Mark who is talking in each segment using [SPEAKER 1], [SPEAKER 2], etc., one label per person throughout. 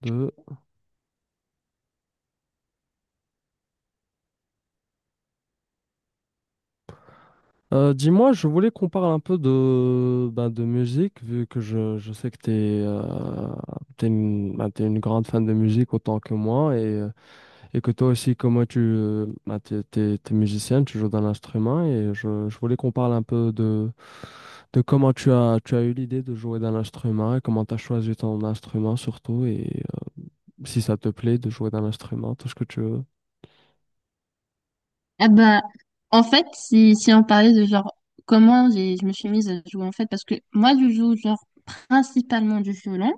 [SPEAKER 1] Deux. Dis-moi, je voulais qu'on parle un peu de, ben, de musique, vu que je sais que ben, t'es une grande fan de musique autant que moi, et que toi aussi, comme moi, tu ben, t'es musicienne, tu joues d'un instrument, et je voulais qu'on parle un peu de comment tu as eu l'idée de jouer d'un instrument, et comment tu as choisi ton instrument surtout, et si ça te plaît de jouer d'un instrument, tout ce que tu veux.
[SPEAKER 2] Ah bah, en fait, si on parlait de genre comment je me suis mise à jouer en fait, parce que moi je joue genre principalement du violon,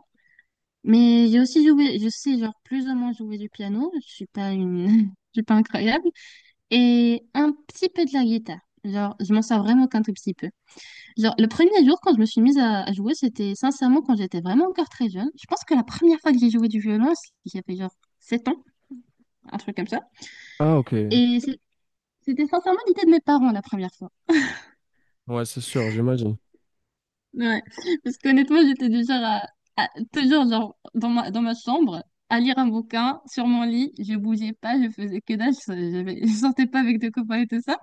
[SPEAKER 2] mais j'ai aussi joué, je sais genre plus ou moins jouer du piano, je suis pas une, je suis pas incroyable, et un petit peu de la guitare. Genre, je m'en sers vraiment qu'un tout petit peu. Genre, le premier jour quand je me suis mise à jouer, c'était sincèrement quand j'étais vraiment encore très jeune. Je pense que la première fois que j'ai joué du violon, j'avais genre 7 ans, un truc comme ça.
[SPEAKER 1] Ah, ok.
[SPEAKER 2] Et c'est- C'était sincèrement l'idée de mes parents la première fois.
[SPEAKER 1] Ouais, c'est sûr, j'imagine.
[SPEAKER 2] Ouais, parce qu'honnêtement, j'étais du genre à- toujours genre dans ma chambre, à lire un bouquin sur mon lit, je bougeais pas, je faisais que dalle, je sortais pas avec des copains et tout ça.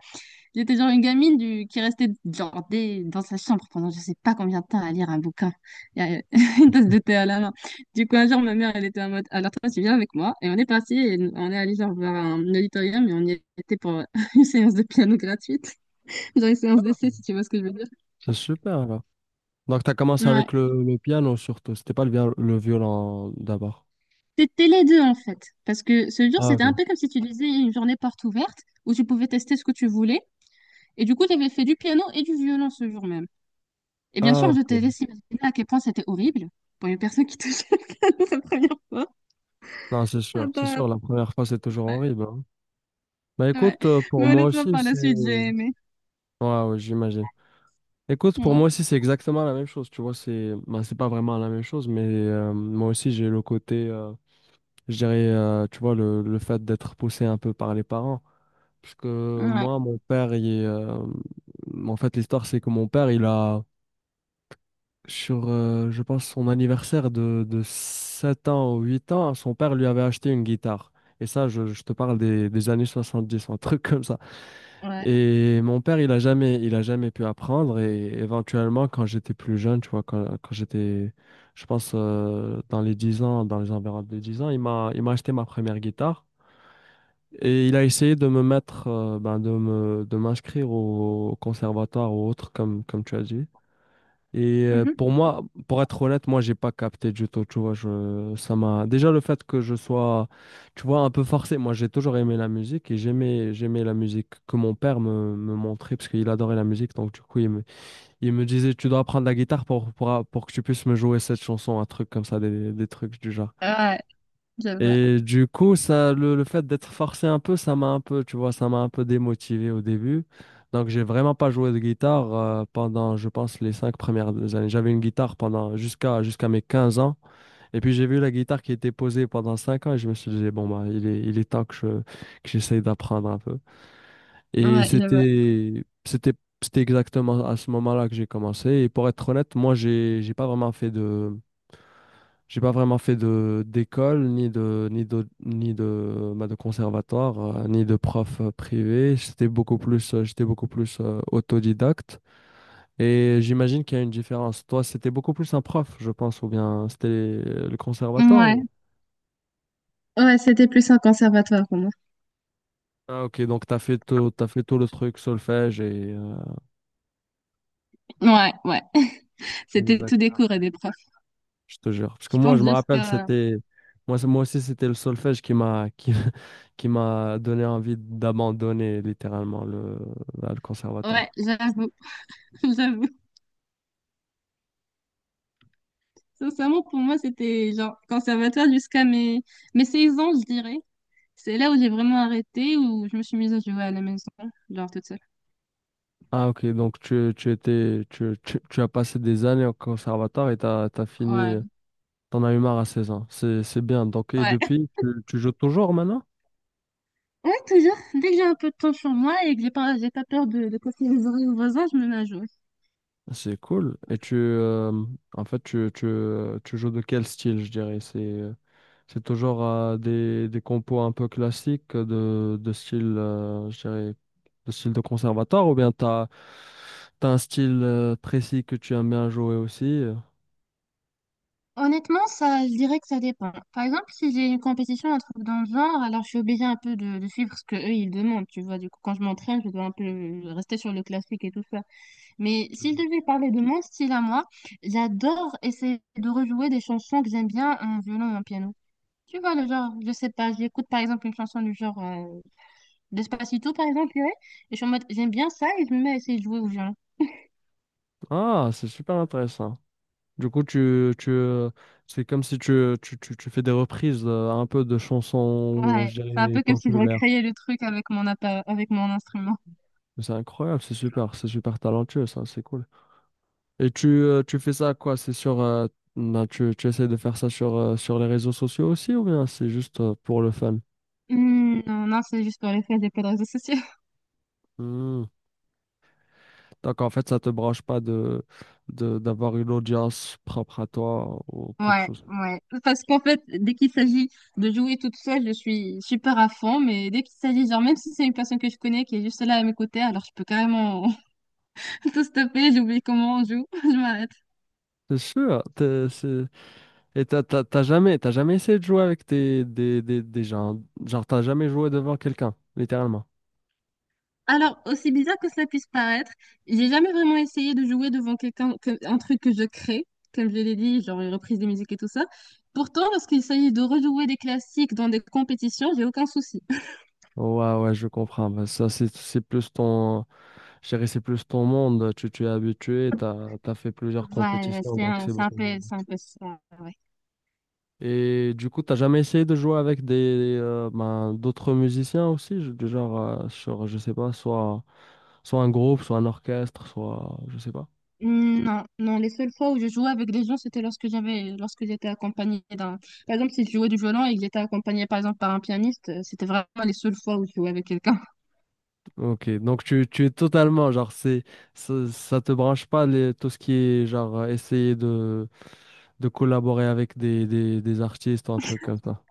[SPEAKER 2] J'étais genre qui restait dans sa chambre pendant je sais pas combien de temps à lire un bouquin, et à- une tasse de thé à la main. Du coup, un jour, ma mère, elle était en mode, alors toi, tu viens avec moi, et on est parti, et on est allé genre vers un auditorium, et on y était pour une séance de piano gratuite, genre une
[SPEAKER 1] Ah,
[SPEAKER 2] séance
[SPEAKER 1] ok.
[SPEAKER 2] d'essai, si tu vois ce que je veux dire.
[SPEAKER 1] C'est super. Donc, tu as commencé avec le piano surtout. C'était pas le violon d'abord.
[SPEAKER 2] C'était les deux en fait, parce que ce jour,
[SPEAKER 1] Ah,
[SPEAKER 2] c'était
[SPEAKER 1] ok.
[SPEAKER 2] un peu comme si tu disais une journée porte ouverte où tu pouvais tester ce que tu voulais. Et du coup, tu avais fait du piano et du violon ce jour même. Et bien
[SPEAKER 1] Ah,
[SPEAKER 2] sûr, je te
[SPEAKER 1] ok.
[SPEAKER 2] laisse imaginer à quel point c'était horrible pour une personne qui touchait le piano la première fois.
[SPEAKER 1] Non, c'est
[SPEAKER 2] Ah
[SPEAKER 1] sûr. C'est
[SPEAKER 2] bah,
[SPEAKER 1] sûr, la première fois, c'est toujours
[SPEAKER 2] ouais,
[SPEAKER 1] horrible, hein. Bah,
[SPEAKER 2] ouais.
[SPEAKER 1] écoute, pour
[SPEAKER 2] Mais
[SPEAKER 1] moi
[SPEAKER 2] honnêtement,
[SPEAKER 1] aussi,
[SPEAKER 2] par la
[SPEAKER 1] c'est.
[SPEAKER 2] suite, j'ai aimé.
[SPEAKER 1] Ouais, ouais, j'imagine. Écoute, pour
[SPEAKER 2] Ouais,
[SPEAKER 1] moi aussi, c'est exactement la même chose. Tu vois, c'est bah, c'est pas vraiment la même chose, mais moi aussi, j'ai le côté, je dirais, tu vois, le fait d'être poussé un peu par les parents. Parce que
[SPEAKER 2] ouais,
[SPEAKER 1] moi, mon père, il est, en fait, l'histoire, c'est que mon père, il a. Sur, je pense, son anniversaire de 7 ans ou 8 ans, son père lui avait acheté une guitare. Et ça, je te parle des années 70, un truc comme ça.
[SPEAKER 2] ouais.
[SPEAKER 1] Et mon père, il a jamais pu apprendre. Et éventuellement, quand j'étais plus jeune, tu vois, quand j'étais, je pense, dans les 10 ans, dans les environs de 10 ans, il m'a acheté ma première guitare. Et il a essayé de me mettre, ben, de m'inscrire au conservatoire ou autre, comme tu as dit. Et pour
[SPEAKER 2] Mhm.
[SPEAKER 1] moi, pour être honnête, moi, j'ai pas capté du tout, tu vois, je, ça m'a... Déjà, le fait que je sois, tu vois, un peu forcé, moi, j'ai toujours aimé la musique et j'aimais la musique que mon père me montrait parce qu'il adorait la musique, donc du coup, il me disait, tu dois apprendre la guitare pour que tu puisses me jouer cette chanson, un truc comme ça, des trucs du genre.
[SPEAKER 2] Ouais, j'avoue.
[SPEAKER 1] Et du coup, ça, le fait d'être forcé un peu, ça m'a un peu, tu vois, ça m'a un peu démotivé au début. Donc, j'ai vraiment pas joué de guitare pendant, je pense, les 5 premières années. J'avais une guitare pendant jusqu'à mes 15 ans. Et puis, j'ai vu la guitare qui était posée pendant 5 ans et je me suis dit, bon, bah, il est temps que j'essaye d'apprendre un peu. Et
[SPEAKER 2] Ouais, j'avoue.
[SPEAKER 1] c'était exactement à ce moment-là que j'ai commencé. Et pour être honnête, moi, j'ai pas vraiment fait de j'ai pas vraiment fait de d'école, ni de, bah, de conservatoire, ni de prof privé. J'étais beaucoup plus autodidacte. Et j'imagine qu'il y a une différence. Toi, c'était beaucoup plus un prof, je pense, ou bien c'était le conservatoire
[SPEAKER 2] Ouais,
[SPEAKER 1] ou-
[SPEAKER 2] ouais, c'était plus un conservatoire pour moi.
[SPEAKER 1] Ah, ok, donc t'as fait tout le truc, solfège et
[SPEAKER 2] Ouais, ouais. C'était
[SPEAKER 1] Exact.
[SPEAKER 2] tout des cours et des profs.
[SPEAKER 1] Je te jure. Parce que
[SPEAKER 2] Je
[SPEAKER 1] moi, je
[SPEAKER 2] pense
[SPEAKER 1] me rappelle,
[SPEAKER 2] jusqu'à...
[SPEAKER 1] c'était moi, c'est- moi aussi c'était le solfège qui m'a qui, qui m'a donné envie d'abandonner littéralement le
[SPEAKER 2] Ouais,
[SPEAKER 1] conservatoire.
[SPEAKER 2] j'avoue, j'avoue. Sincèrement, pour moi, c'était genre conservatoire mes 16 ans, je dirais. C'est là où j'ai vraiment arrêté, où je me suis mise à jouer à la maison, genre toute seule.
[SPEAKER 1] Ah, ok, donc tu étais tu, tu, tu as passé des années au conservatoire et t'as fini,
[SPEAKER 2] Ouais.
[SPEAKER 1] t'en as eu marre à 16 ans. C'est bien. Donc et
[SPEAKER 2] Ouais.
[SPEAKER 1] depuis, tu joues toujours maintenant?
[SPEAKER 2] Ouais, toujours. Dès que j'ai un peu de temps sur moi et que j'ai pas peur de casser les oreilles aux voisins, je me mets à jouer.
[SPEAKER 1] C'est cool. Et tu en fait tu joues de quel style, je dirais? C'est toujours des compos un peu classiques de style je dirais de style de conservatoire ou bien t'as un style précis que tu aimes bien jouer aussi?
[SPEAKER 2] Honnêtement, ça, je dirais que ça dépend. Par exemple, si j'ai une compétition, un truc dans le genre, alors je suis obligée un peu de suivre ce que eux ils demandent, tu vois. Du coup, quand je m'entraîne, je dois un peu rester sur le classique et tout ça. Mais si je devais parler de mon style à moi, j'adore essayer de rejouer des chansons que j'aime bien en violon ou en piano. Tu vois, le genre, je sais pas, j'écoute par exemple une chanson du genre Despacito, par exemple, ouais, et je suis en mode, j'aime bien ça, et je me mets à essayer de jouer au violon.
[SPEAKER 1] Ah, c'est super intéressant. Du coup, c'est comme si tu fais des reprises un peu de chansons,
[SPEAKER 2] Ouais,
[SPEAKER 1] je
[SPEAKER 2] c'est un
[SPEAKER 1] dirais,
[SPEAKER 2] peu comme si je
[SPEAKER 1] populaires.
[SPEAKER 2] recréais le truc avec mon instrument.
[SPEAKER 1] Mais c'est incroyable, c'est super talentueux, ça, c'est cool. Et tu, tu fais ça quoi? C'est sur, ben, tu essaies de faire ça sur, sur les réseaux sociaux aussi ou bien c'est juste pour le fun?
[SPEAKER 2] Non, c'est juste pour les faire des plaies de réseaux sociaux.
[SPEAKER 1] Hmm. Donc en fait, ça te branche pas d'avoir une audience propre à toi ou quelque
[SPEAKER 2] Ouais,
[SPEAKER 1] chose.
[SPEAKER 2] ouais. Parce qu'en fait, dès qu'il s'agit de jouer toute seule, je suis super à fond, mais dès qu'il s'agit, genre, même si c'est une personne que je connais qui est juste là à mes côtés, alors je peux carrément tout stopper, j'oublie comment on joue, je m'arrête.
[SPEAKER 1] C'est sûr, t'es- c'est. Et t'as jamais essayé de jouer avec tes- des gens. Genre, t'as jamais joué devant quelqu'un, littéralement.
[SPEAKER 2] Alors, aussi bizarre que cela puisse paraître, j'ai jamais vraiment essayé de jouer devant quelqu'un, un truc que je crée, comme je l'ai dit, genre une reprise de musique et tout ça. Pourtant, lorsqu'il s'agit de rejouer des classiques dans des compétitions, j'ai aucun souci.
[SPEAKER 1] Ouais, ouais, je comprends. Bah, ça, c'est plus ton. Je dirais, c'est plus ton monde. Tu es habitué, t'as fait plusieurs
[SPEAKER 2] Voilà,
[SPEAKER 1] compétitions, donc c'est beaucoup mieux.
[SPEAKER 2] c'est un peu ça, ouais.
[SPEAKER 1] Et du coup, t'as jamais essayé de jouer avec des ben, d'autres musiciens aussi, je- du genre, sur, je sais pas, soit un groupe, soit un orchestre, soit, je sais pas.
[SPEAKER 2] Non, non, les seules fois où je jouais avec des gens, c'était lorsque j'étais accompagnée d'un, par exemple, si je jouais du violon et que j'étais accompagnée, par exemple, par un pianiste, c'était vraiment les seules fois où je jouais avec quelqu'un.
[SPEAKER 1] Ok, donc tu es totalement, genre, c'est, ça te branche pas les, tout ce qui est, genre, essayer de collaborer avec des artistes ou un truc comme ça.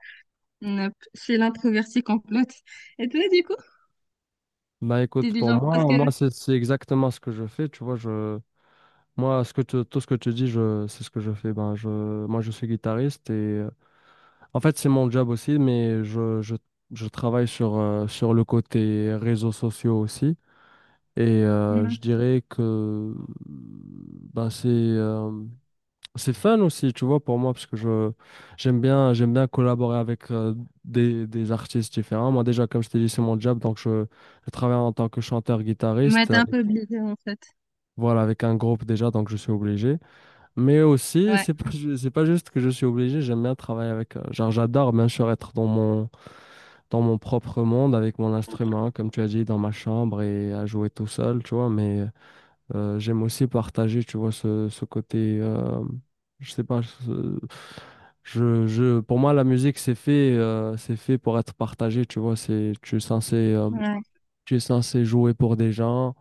[SPEAKER 2] Nope. Je suis l'introvertie complète. Et toi, du coup,
[SPEAKER 1] Bah,
[SPEAKER 2] t'es
[SPEAKER 1] écoute,
[SPEAKER 2] du
[SPEAKER 1] pour
[SPEAKER 2] genre, parce
[SPEAKER 1] moi,
[SPEAKER 2] que,
[SPEAKER 1] moi c'est exactement ce que je fais, tu vois, je, moi, ce que tu- tout ce que tu dis, je, c'est ce que je fais. Ben, je, moi, je suis guitariste et, euh, en fait, c'est mon job aussi, mais je travaille sur, sur le côté réseaux sociaux aussi. Et je
[SPEAKER 2] Mhm.
[SPEAKER 1] dirais que, ben, c'est... c'est fun aussi, tu vois, pour moi, parce que je j'aime bien collaborer avec des artistes différents. Moi, déjà, comme je t'ai dit, c'est mon job, donc je travaille en tant que
[SPEAKER 2] Ouais,
[SPEAKER 1] chanteur-guitariste,
[SPEAKER 2] t'es un
[SPEAKER 1] avec-
[SPEAKER 2] peu obligée, en fait.
[SPEAKER 1] voilà, avec un groupe déjà, donc je suis obligé. Mais aussi,
[SPEAKER 2] Ouais,
[SPEAKER 1] c'est pas ju- c'est pas juste que je suis obligé, j'aime bien travailler avec, genre, j'adore bien sûr être dans mon propre monde avec mon instrument, comme tu as dit, dans ma chambre et à jouer tout seul, tu vois. Mais j'aime aussi partager, tu vois, ce côté, je sais pas, ce- pour moi, la musique, c'est fait pour être partagé, tu vois, c'est,
[SPEAKER 2] ouais,
[SPEAKER 1] tu es censé jouer pour des gens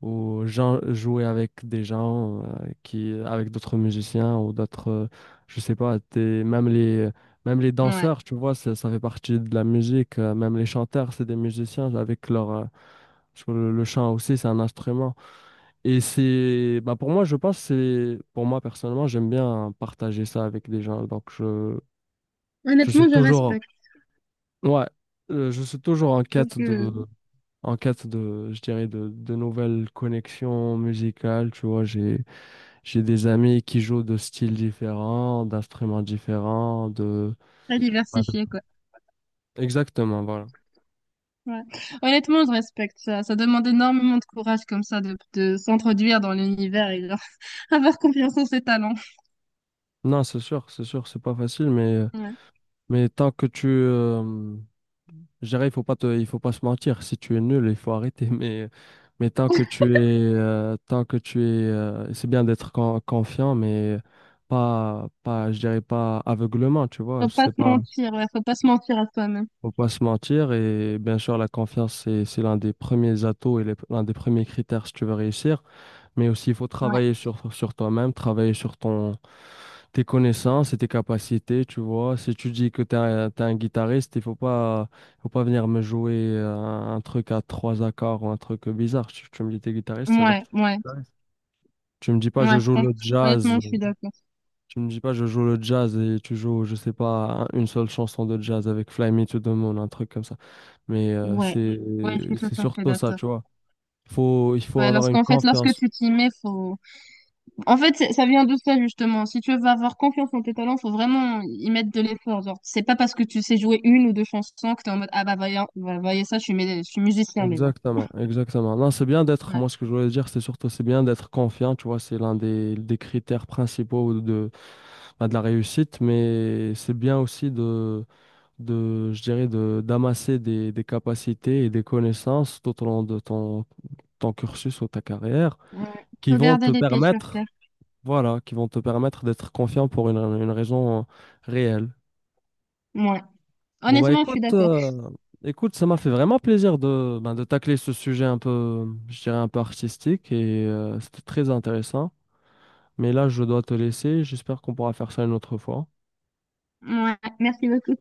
[SPEAKER 1] ou gens- jouer avec des gens qui avec d'autres musiciens ou d'autres je sais pas t'es- même les
[SPEAKER 2] ouais.
[SPEAKER 1] danseurs, tu vois, ça fait partie de la musique, même les chanteurs, c'est des musiciens avec leur sur le chant aussi c'est un instrument, et c'est bah, pour moi, je pense, c'est pour moi personnellement, j'aime bien partager ça avec des gens, donc je suis
[SPEAKER 2] Honnêtement, je
[SPEAKER 1] toujours,
[SPEAKER 2] respecte,
[SPEAKER 1] ouais, je suis toujours en
[SPEAKER 2] parce
[SPEAKER 1] quête de
[SPEAKER 2] que,
[SPEAKER 1] en cas de, je dirais, de nouvelles connexions musicales, tu vois, j'ai des amis qui jouent de styles différents, d'instruments différents, de...
[SPEAKER 2] très
[SPEAKER 1] Ouais, donc,
[SPEAKER 2] diversifié, quoi.
[SPEAKER 1] exactement, voilà.
[SPEAKER 2] Ouais. Honnêtement, je respecte ça. Ça demande énormément de courage, comme ça, de s'introduire dans l'univers et genre, avoir confiance en ses talents.
[SPEAKER 1] Non, c'est sûr, c'est sûr, c'est pas facile,
[SPEAKER 2] Ouais.
[SPEAKER 1] mais tant que tu... je dirais, il faut pas se mentir. Si tu es nul, il faut arrêter, mais tant que tu es... c'est bien d'être con- confiant, mais pas, je dirais pas aveuglement, tu vois,
[SPEAKER 2] Faut pas
[SPEAKER 1] c'est
[SPEAKER 2] se
[SPEAKER 1] pas...
[SPEAKER 2] mentir, ouais, faut pas se mentir à soi-même.
[SPEAKER 1] Faut pas se mentir, et bien sûr la confiance c'est l'un des premiers atouts et les- l'un des premiers critères si tu veux réussir, mais aussi il faut
[SPEAKER 2] Ouais,
[SPEAKER 1] travailler sur toi-même, travailler sur ton tes connaissances et tes capacités, tu vois, si tu dis que tu es, un, t'es un guitariste, il faut pas venir me jouer un truc à trois accords ou un truc bizarre. Tu me dis t'es guitariste, ça veut dire que
[SPEAKER 2] ouais, ouais,
[SPEAKER 1] tu me dis pas je
[SPEAKER 2] ouais, je
[SPEAKER 1] joue le
[SPEAKER 2] comprends.
[SPEAKER 1] jazz,
[SPEAKER 2] Honnêtement, je suis d'accord.
[SPEAKER 1] tu me dis pas, je joue le jazz et tu joues, je sais pas, un- une seule chanson de jazz avec Fly Me to the Moon, un truc comme ça. Mais
[SPEAKER 2] Ouais, ouais, je suis tout
[SPEAKER 1] c'est
[SPEAKER 2] à fait
[SPEAKER 1] surtout ça,
[SPEAKER 2] d'accord.
[SPEAKER 1] tu vois. Faut, il faut
[SPEAKER 2] Ouais,
[SPEAKER 1] avoir une
[SPEAKER 2] lorsqu'en fait, lorsque
[SPEAKER 1] confiance.
[SPEAKER 2] tu t'y mets, faut. En fait, ça vient de ça, justement. Si tu veux avoir confiance en tes talents, faut vraiment y mettre de l'effort. Genre, c'est pas parce que tu sais jouer une ou deux chansons que t'es en mode, ah bah, voyez, voyez ça, je suis musicien, mais non.
[SPEAKER 1] Exactement, exactement. Non, c'est bien d'être,
[SPEAKER 2] Ouais,
[SPEAKER 1] moi ce que je voulais dire, c'est surtout, c'est bien d'être confiant, tu vois, c'est l'un des critères principaux de, bah, de la réussite, mais c'est bien aussi de, je dirais, de, d'amasser des capacités et des connaissances tout au long de ton, ton cursus ou ta carrière
[SPEAKER 2] ouais.
[SPEAKER 1] qui
[SPEAKER 2] Faut
[SPEAKER 1] vont te
[SPEAKER 2] garder les pieds sur terre.
[SPEAKER 1] permettre, voilà, qui vont te permettre d'être confiant pour une raison réelle.
[SPEAKER 2] Ouais.
[SPEAKER 1] Bon, bah,
[SPEAKER 2] Honnêtement, je suis
[SPEAKER 1] écoute,
[SPEAKER 2] d'accord.
[SPEAKER 1] écoute, ça m'a fait vraiment plaisir de, ben, de tacler ce sujet un peu, je dirais un peu artistique, et c'était très intéressant. Mais là, je dois te laisser. J'espère qu'on pourra faire ça une autre fois.
[SPEAKER 2] Ouais, merci beaucoup.